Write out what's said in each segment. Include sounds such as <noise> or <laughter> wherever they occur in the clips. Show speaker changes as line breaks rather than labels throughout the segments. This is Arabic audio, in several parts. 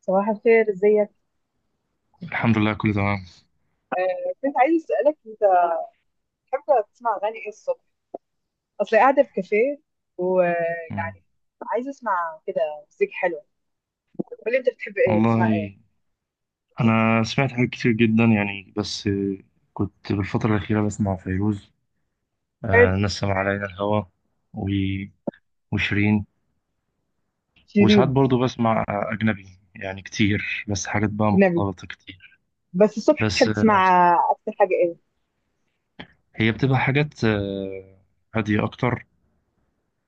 صباح الخير، ازيك؟
الحمد لله كله تمام.
كنت عايز اسالك، انت بتحب تسمع اغاني ايه الصبح؟ اصل قاعده في كافيه
مم.
ويعني عايزه اسمع كده مزيكا حلوه. قول لي انت بتحب ايه تسمع ايه؟
والله، أنا سمعت حاجات كتير جدا يعني بس كنت بالفترة الأخيرة بسمع فيروز.
بحب.
نسم علينا الهوى و- وشيرين. وساعات
شيرين.
برضو بسمع أجنبي يعني كتير، بس حاجات بقى
اجنبي.
مختلطة كتير.
بس الصبح
بس
بتحب تسمع اكتر حاجه ايه؟
هي بتبقى حاجات هادية أكتر.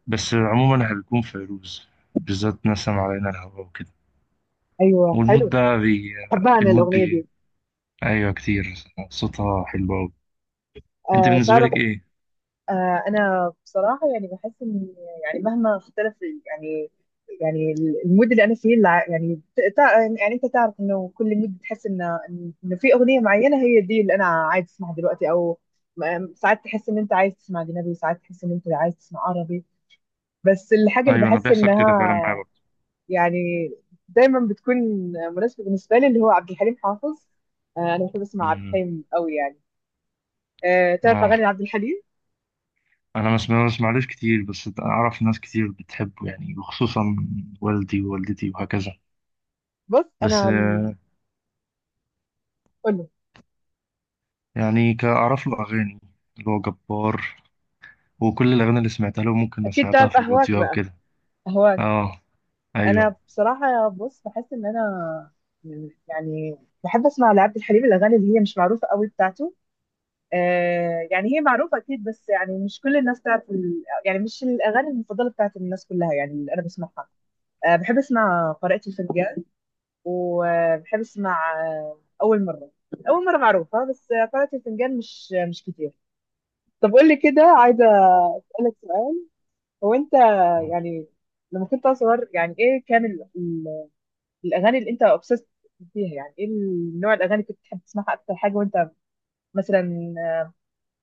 بس عموما هيكون فيروز، بالذات نسم علينا الهوى وكده.
ايوه،
والمود
حلو.
ده بي...
بحبها انا
المود
الاغنيه
بي...
دي.
أيوة كتير، صوتها حلو أوي. أنت
آه
بالنسبة
تعرف،
لك إيه؟
انا بصراحه يعني بحس ان يعني مهما اختلف يعني المود اللي انا فيه انت تعرف انه كل مود بتحس ان إنه في اغنيه معينه هي دي اللي انا عايز اسمعها دلوقتي. او ساعات تحس ان انت عايز تسمع اجنبي، ساعات تحس ان انت عايز تسمع عربي. بس الحاجه اللي
ايوه، انا
بحس
بيحصل كده فعلا معايا
انها
برضه.
يعني دايما بتكون مناسبه بالنسبه لي اللي هو عبد الحليم حافظ. انا بحب اسمع عبد
مم.
الحليم قوي يعني. تعرف
آه.
اغاني عبد الحليم؟
انا ما بسمعلوش كتير، بس اعرف ناس كتير بتحبه يعني، وخصوصا والدي ووالدتي وهكذا.
بص
بس
انا، قول.
يعني كأعرف له اغاني، اللي هو جبار. وكل الاغاني اللي سمعتها له ممكن أنا
اكيد
سمعتها
تعرف
في
اهواك
الراديو او
بقى.
كده.
اهواك.
اه، ايوه.
انا بصراحه بص بحس ان انا يعني بحب اسمع لعبد الحليم الاغاني اللي هي مش معروفه قوي بتاعته. آه يعني هي معروفه اكيد بس يعني مش كل الناس تعرف يعني مش الاغاني المفضله بتاعت الناس كلها يعني اللي انا بسمعها. آه بحب اسمع قارئة الفنجان، وبحب اسمع آه اول مره. اول مره معروفه بس قارئة الفنجان مش كتير. طب قول لي كده، عايزه اسالك سؤال. هو انت
آه.
يعني لما كنت صغير، يعني ايه كان الاغاني اللي انت اوبسيست بيها، يعني ايه النوع الاغاني اللي كنت بتحب تسمعها اكتر حاجه وانت مثلا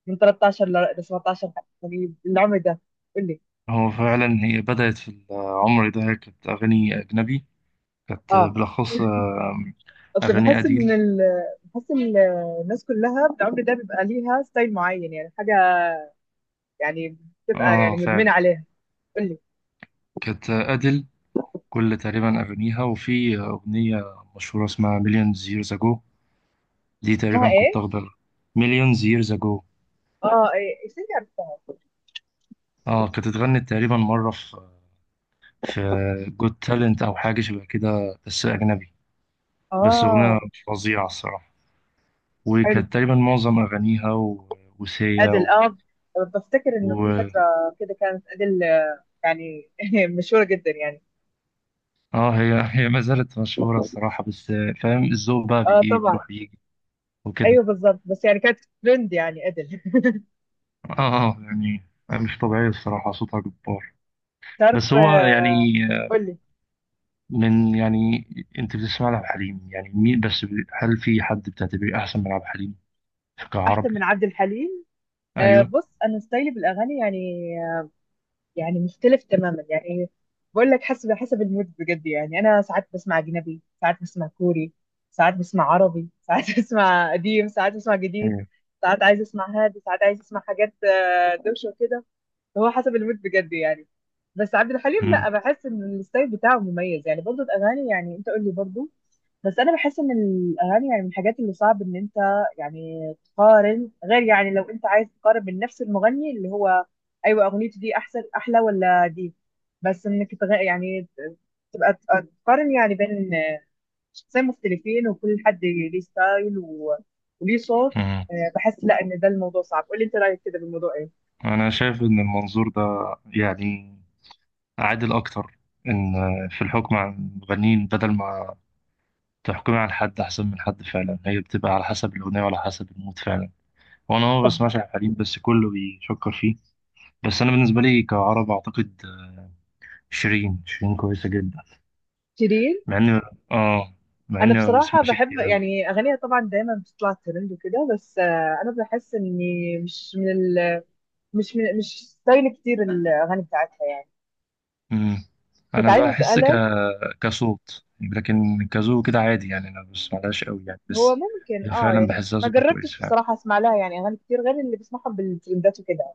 من 13 ل 17، يعني العمر ده؟ قول لي.
هو فعلا هي بدأت في العمر ده، كانت اغاني اجنبي، كانت
اه
بالاخص
اصل
اغاني
بحس ان
اديل.
بحس ان الناس كلها بالعمر ده بيبقى ليها ستايل معين، يعني حاجه يعني بتبقى يعني
اه فعلا.
مدمنه عليها. قول لي.
كانت اديل، كل تقريبا أغانيها، وفي أغنية مشهورة اسمها مليون years ago، دي
اسمها
تقريبا كنت
ايه؟
واخدة. مليون years ago.
اه ايه، استني عرفتها.
اه، كانت اتغنت تقريبا مرة في جود تالنت أو حاجة شبه كده بس أجنبي. بس أغنية
اه
فظيعة الصراحة.
حلو.
وكانت تقريبا معظم أغانيها وسيا
ادل، اه. بفتكر انه في
و...
فتره كده كانت ادل يعني <laughs> مشهوره جدا يعني.
اه، هي هي ما زالت مشهورة الصراحة، بس فاهم الذوق بقى
اه طبعا.
بيروح بيجي وكده.
ايوه بالظبط، بس يعني كانت ترند يعني ادل <laughs>
اه، يعني مش طبيعية الصراحة، صوتها جبار.
تعرف،
بس هو يعني،
قول لي.
من يعني انت بتسمع لعبد الحليم يعني مين، بس هل في حد بتعتبريه احسن من عبد الحليم
احسن من
كعربي؟
عبد الحليم؟
ايوه.
بص انا ستايلي بالاغاني يعني يعني مختلف تماما يعني. بقول لك حسب المود بجد يعني. انا ساعات بسمع اجنبي، ساعات بسمع كوري، ساعات بسمع عربي، ساعات <laughs> بسمع قديم، ساعات بسمع جديد،
مم.
ساعات عايز اسمع هادي، ساعات عايز اسمع حاجات دوشه وكده. هو حسب المود بجد يعني. بس عبد الحليم لا،
مم.
بحس ان الستايل بتاعه مميز يعني برضه الاغاني يعني. انت قول لي برضه. بس انا بحس ان الاغاني يعني من الحاجات اللي صعب ان انت يعني تقارن، غير يعني لو انت عايز تقارن بين نفس المغني اللي هو ايوه اغنيته دي احسن احلى ولا دي. بس انك تغ... يعني تبقى تقارن يعني بين شخصين مختلفين وكل حد ليه ستايل و... وليه صوت.
مم.
بحس لا ان ده الموضوع صعب. قولي انت رايك كده بالموضوع ايه؟
انا شايف ان المنظور ده يعني عادل اكتر، ان في الحكم على المغنيين، بدل ما تحكمي على حد احسن من حد، فعلا هي بتبقى على حسب الاغنيه وعلى حسب المود فعلا. وانا ما
طب
بسمعش عبد الحليم، بس كله بيشكر فيه. بس انا بالنسبه لي كعرب اعتقد شيرين، شيرين كويسه جدا،
شيرين،
مع اني اه مع
انا
اني ما
بصراحه
بسمعش
بحب
كتير.
يعني اغانيها، طبعا دايما بتطلع ترند وكده، بس انا بحس اني مش من ال... مش من- مش ستايل كتير الاغاني بتاعتها يعني.
امم
كنت
انا
عايزه
بحس
اسالك،
كصوت، لكن كزو كده عادي يعني. انا بس معلهاش قوي يعني
هو
بس.
ممكن
هي
اه
فعلا
يعني
بحسها
ما
صوتها كويس
جربتش
فعلا.
بصراحه اسمع لها يعني اغاني كتير غير اللي بسمعهم بالترندات وكده.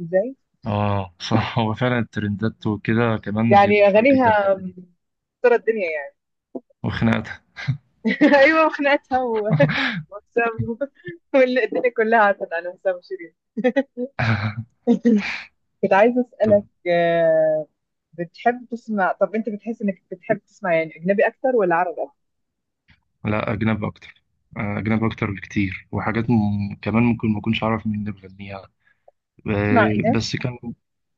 ازاي؟
اه. <laughs> صح، هو فعلا الترندات وكده كمان، هي
يعني
مشهورة جدا
اغانيها
الحتة دي.
مكسره الدنيا يعني
وخناقتها.
<laughs> ايوه وخناقتها وحسام <laughs> الدنيا كلها عارفه عن حسام وشيرين <laughs>
<laughs>
كنت عايزه
طب،
اسالك بتحب تسمع، طب انت بتحس انك بتحب تسمع يعني اجنبي اكتر ولا عربي اكتر؟
لا أجنبي أكتر. أجنبي أكتر بكتير، وحاجات كمان ممكن ما أكونش أعرف مين اللي بيغنيها.
تسمع ايه؟
بس كان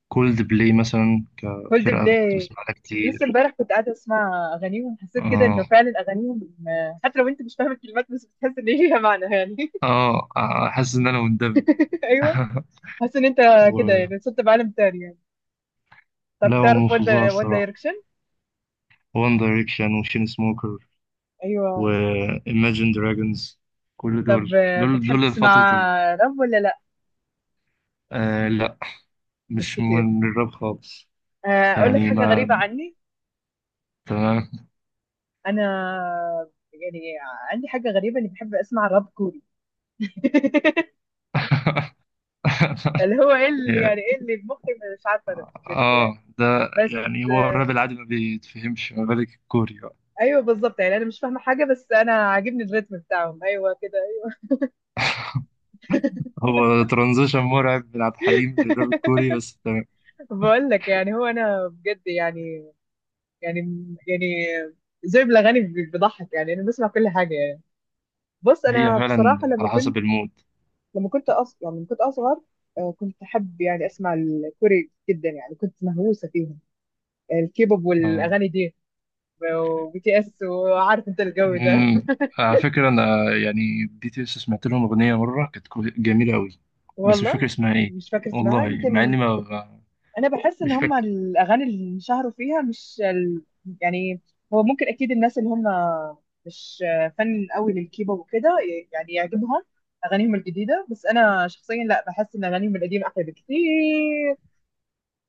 كولد بلاي مثلا،
هولد
كفرقة أنا كنت
بلاي،
بسمعها
لسه
كتير.
امبارح كنت قاعده اسمع اغانيهم، حسيت كده انه
آه،
فعلا اغانيهم حتى لو انت مش فاهم الكلمات، بس بتحس ان ليها معنى يعني <laughs>
آه، آه، حاسس إن أنا مندمج.
ايوه
<laughs>
حاسس ان انت كده يعني صرت بعالم تاني يعني. طب
لا، هو من
تعرف وان،
فظاع
وان
الصراحة.
دايركشن؟
وان دايركشن، وشين سموكر، و
ايوه.
Imagine Dragons، كل دول
طب
دول
بتحب
دول
تسمع
فترة
راب ولا لا؟
آه لا،
مش
مش
كتير.
من الراب خالص.
اقول لك
يعني
حاجه غريبه
ما
عني،
تمام.
انا يعني عندي حاجه غريبه، اني بحب اسمع راب كوري <laughs>
<laughs>
اللي هو ايه اللي
يا-
يعني، ايه اللي مخي. مش عارفه انا بجد يعني.
اه ده
بس
يعني، هو الراب العادي ما بيتفهمش، ما بالك الكوري بقى.
ايوه بالظبط، يعني انا مش فاهمه حاجه بس انا عاجبني الريتم بتاعهم. ايوه كده، ايوه.
هو ترانزيشن مرعب من عبد الحليم للراب الكوري، بس تمام.
<laughs> بقول لك يعني، هو انا بجد يعني يعني يعني زي الاغاني بضحك. يعني انا بسمع كل حاجه يعني. بص
هي
انا
فعلا
بصراحه،
على حسب المود.
يعني لما كنت اصغر، كنت احب يعني اسمع الكوري جدا يعني، كنت مهووسه فيهم، الكيبوب
آه،
والاغاني دي، وبي تي اس، وعارف انت الجو ده
امم على فكرة أنا، يعني بديت لسه، سمعت لهم أغنية مرة كانت جميلة أوي.
<laughs>
بس مش فاكر
والله
اسمها إيه.
مش فاكر اسمها،
والله، مع
يمكن.
إني ما ما-
انا بحس ان
مش
هم
فاكر.
الاغاني اللي انشهروا فيها مش يعني هو ممكن اكيد الناس اللي هم مش فن قوي للكيبوب وكده يعني يعجبهم اغانيهم الجديده، بس انا شخصيا لا، بحس ان اغانيهم القديمه احلى بكتير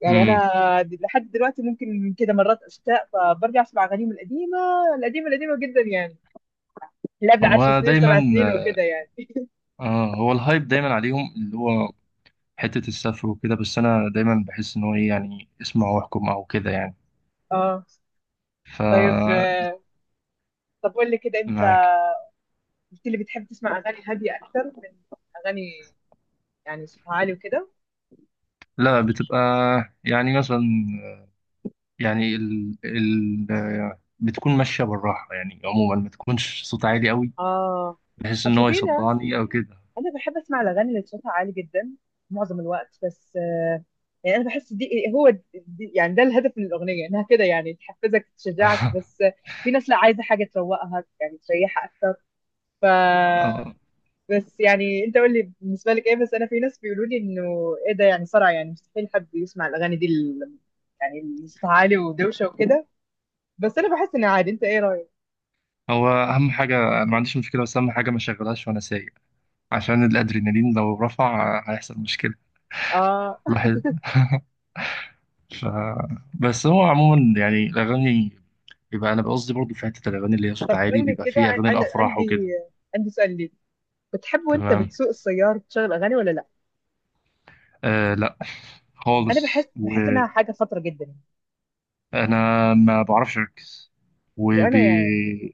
يعني.
امم
انا لحد دلوقتي ممكن كده مرات اشتاق فبرجع اسمع اغانيهم القديمه القديمه القديمه جدا يعني، اللي قبل 10
هو
سنين
دايما
وسبع سنين وكده يعني <laughs>
هو الهايب دايما عليهم، اللي هو حتة السفر وكده. بس أنا دايما بحس إن هو إيه، يعني اسمع واحكم أو كده يعني.
اه
ف
طيب. طب قول لي كده انت،
معاك.
قلت لي بتحب تسمع اغاني هاديه اكتر من اغاني يعني صوتها عالي وكده.
لا، بتبقى يعني مثلا، يعني بتكون ماشية بالراحة يعني، عموما ما تكونش صوت عالي أوي،
اه
بحيث إن
اصل
هو
في ناس،
يصدعني أو كده.
انا بحب اسمع الاغاني اللي صوتها عالي جدا معظم الوقت، بس يعني انا بحس دي هو دي يعني ده الهدف من الاغنيه انها كده يعني تحفزك تشجعك، بس
<laughs>
في ناس لا عايزه حاجه تروقها يعني تريحها اكتر. ف
اه،
بس يعني انت قول لي بالنسبه لك ايه. بس انا في ناس بيقولوا لي انه ايه ده يعني صرع، يعني مستحيل حد يسمع الاغاني دي يعني اللي صوتها عالي ودوشه وكده. بس انا بحس انها عادي. انت ايه رايك؟
هو اهم حاجه، انا ما عنديش مشكله، بس اهم حاجه ما شغلهاش وانا سايق، عشان الادرينالين لو رفع هيحصل مشكله
اه.
الواحد. <laughs> ف... بس هو عموما يعني الاغاني، بيبقى انا بقصدي برضو، في حته الاغاني اللي هي
طب
صوت عالي،
قول لي
بيبقى
كده،
فيه اغاني
انا
الافراح
عندي
وكده.
عندي سؤال ليك. بتحب وانت
تمام.
بتسوق السيارة تشغل اغاني ولا لا؟
لا
انا بحس
خالص
بحس
وانا،
انها حاجة خطرة جدا يعني.
ما بعرفش اركز،
وانا يعني
وبي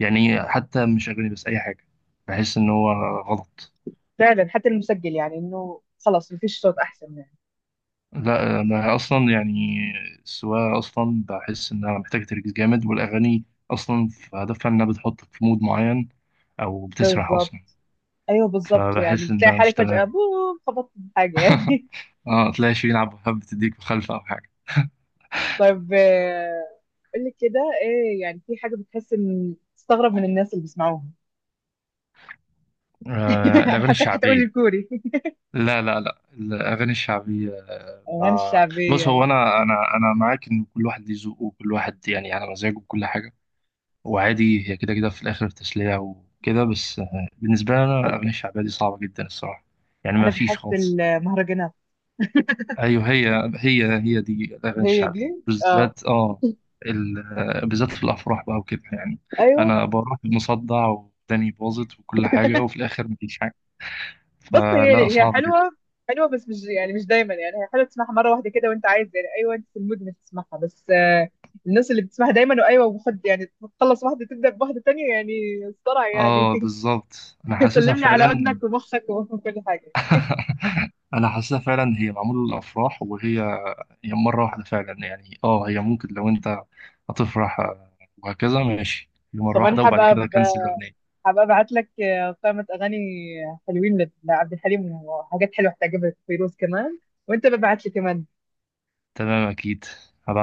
يعني حتى مش اغاني بس اي حاجه، بحس ان هو غلط.
فعلا حتى المسجل، يعني انه خلاص مفيش صوت احسن يعني.
لا، انا اصلا يعني السواقه اصلا بحس انها محتاجه تركيز جامد، والاغاني اصلا في هدفها انها بتحطك في مود معين او بتسرح اصلا،
بالظبط. ايوه بالظبط، يعني
فبحس
بتلاقي
انها مش
حالك فجأة
تمام.
بوم خبطت في حاجة يعني.
اه، تلاقي شيء يلعب حب بتديك مخالفه او حاجه.
<laughs> طب قول لي كده، ايه يعني في حاجة بتحس ان تستغرب من الناس اللي بيسمعوها؟ <laughs> انا
الاغاني
حاسك هتقول
الشعبيه.
الكوري.
لا، لا، لا، الاغاني الشعبيه.
<laughs> الاغاني
بص،
الشعبية.
هو انا انا معاك، ان كل واحد ليه ذوقه، وكل واحد يعني على مزاجه وكل حاجه. وعادي هي كده كده في الآخر تسلية وكده. بس بالنسبة لي أنا الأغاني الشعبية دي صعبة جدا الصراحة. يعني ما
انا
فيش
بحس
خالص.
المهرجانات
أيوه، هي هي دي الأغاني
هي دي،
الشعبية
اه.
بالذات. بالذات في الأفراح بقى وكده يعني.
ايوه
أنا بروح مصدع، وداني باظت، وكل حاجة، وفي الآخر مفيش حاجة.
بص،
فلا،
هي هي
صعب جدا.
حلوه، حلوه بس مش يعني مش دايما. يعني هي حلوه تسمعها مره واحده كده وانت عايز، يعني ايوه انت في المود انك تسمعها، بس الناس اللي بتسمعها دايما وايوه وخد يعني، تخلص واحده تبدا بواحده تانية يعني، صرع يعني.
بالظبط أنا
<laughs>
حاسسها
سلمني على
فعلا.
اذنك ومخك وكل حاجه <laughs>
<laughs> أنا حاسسها فعلا، هي معمولة للأفراح. وهي هي مرة واحدة فعلا يعني. اه هي ممكن لو انت هتفرح، وهكذا ماشي، هي مرة
طب انا
واحدة، وبعد
هبقى
كده كنسل الأغنية.
هبقى ابعت لك قائمه اغاني حلوين لعبد الحليم وحاجات حلوه هتعجبك، فيروز كمان. وانت ببعت لي كمان.
تمام، أكيد. هبعت.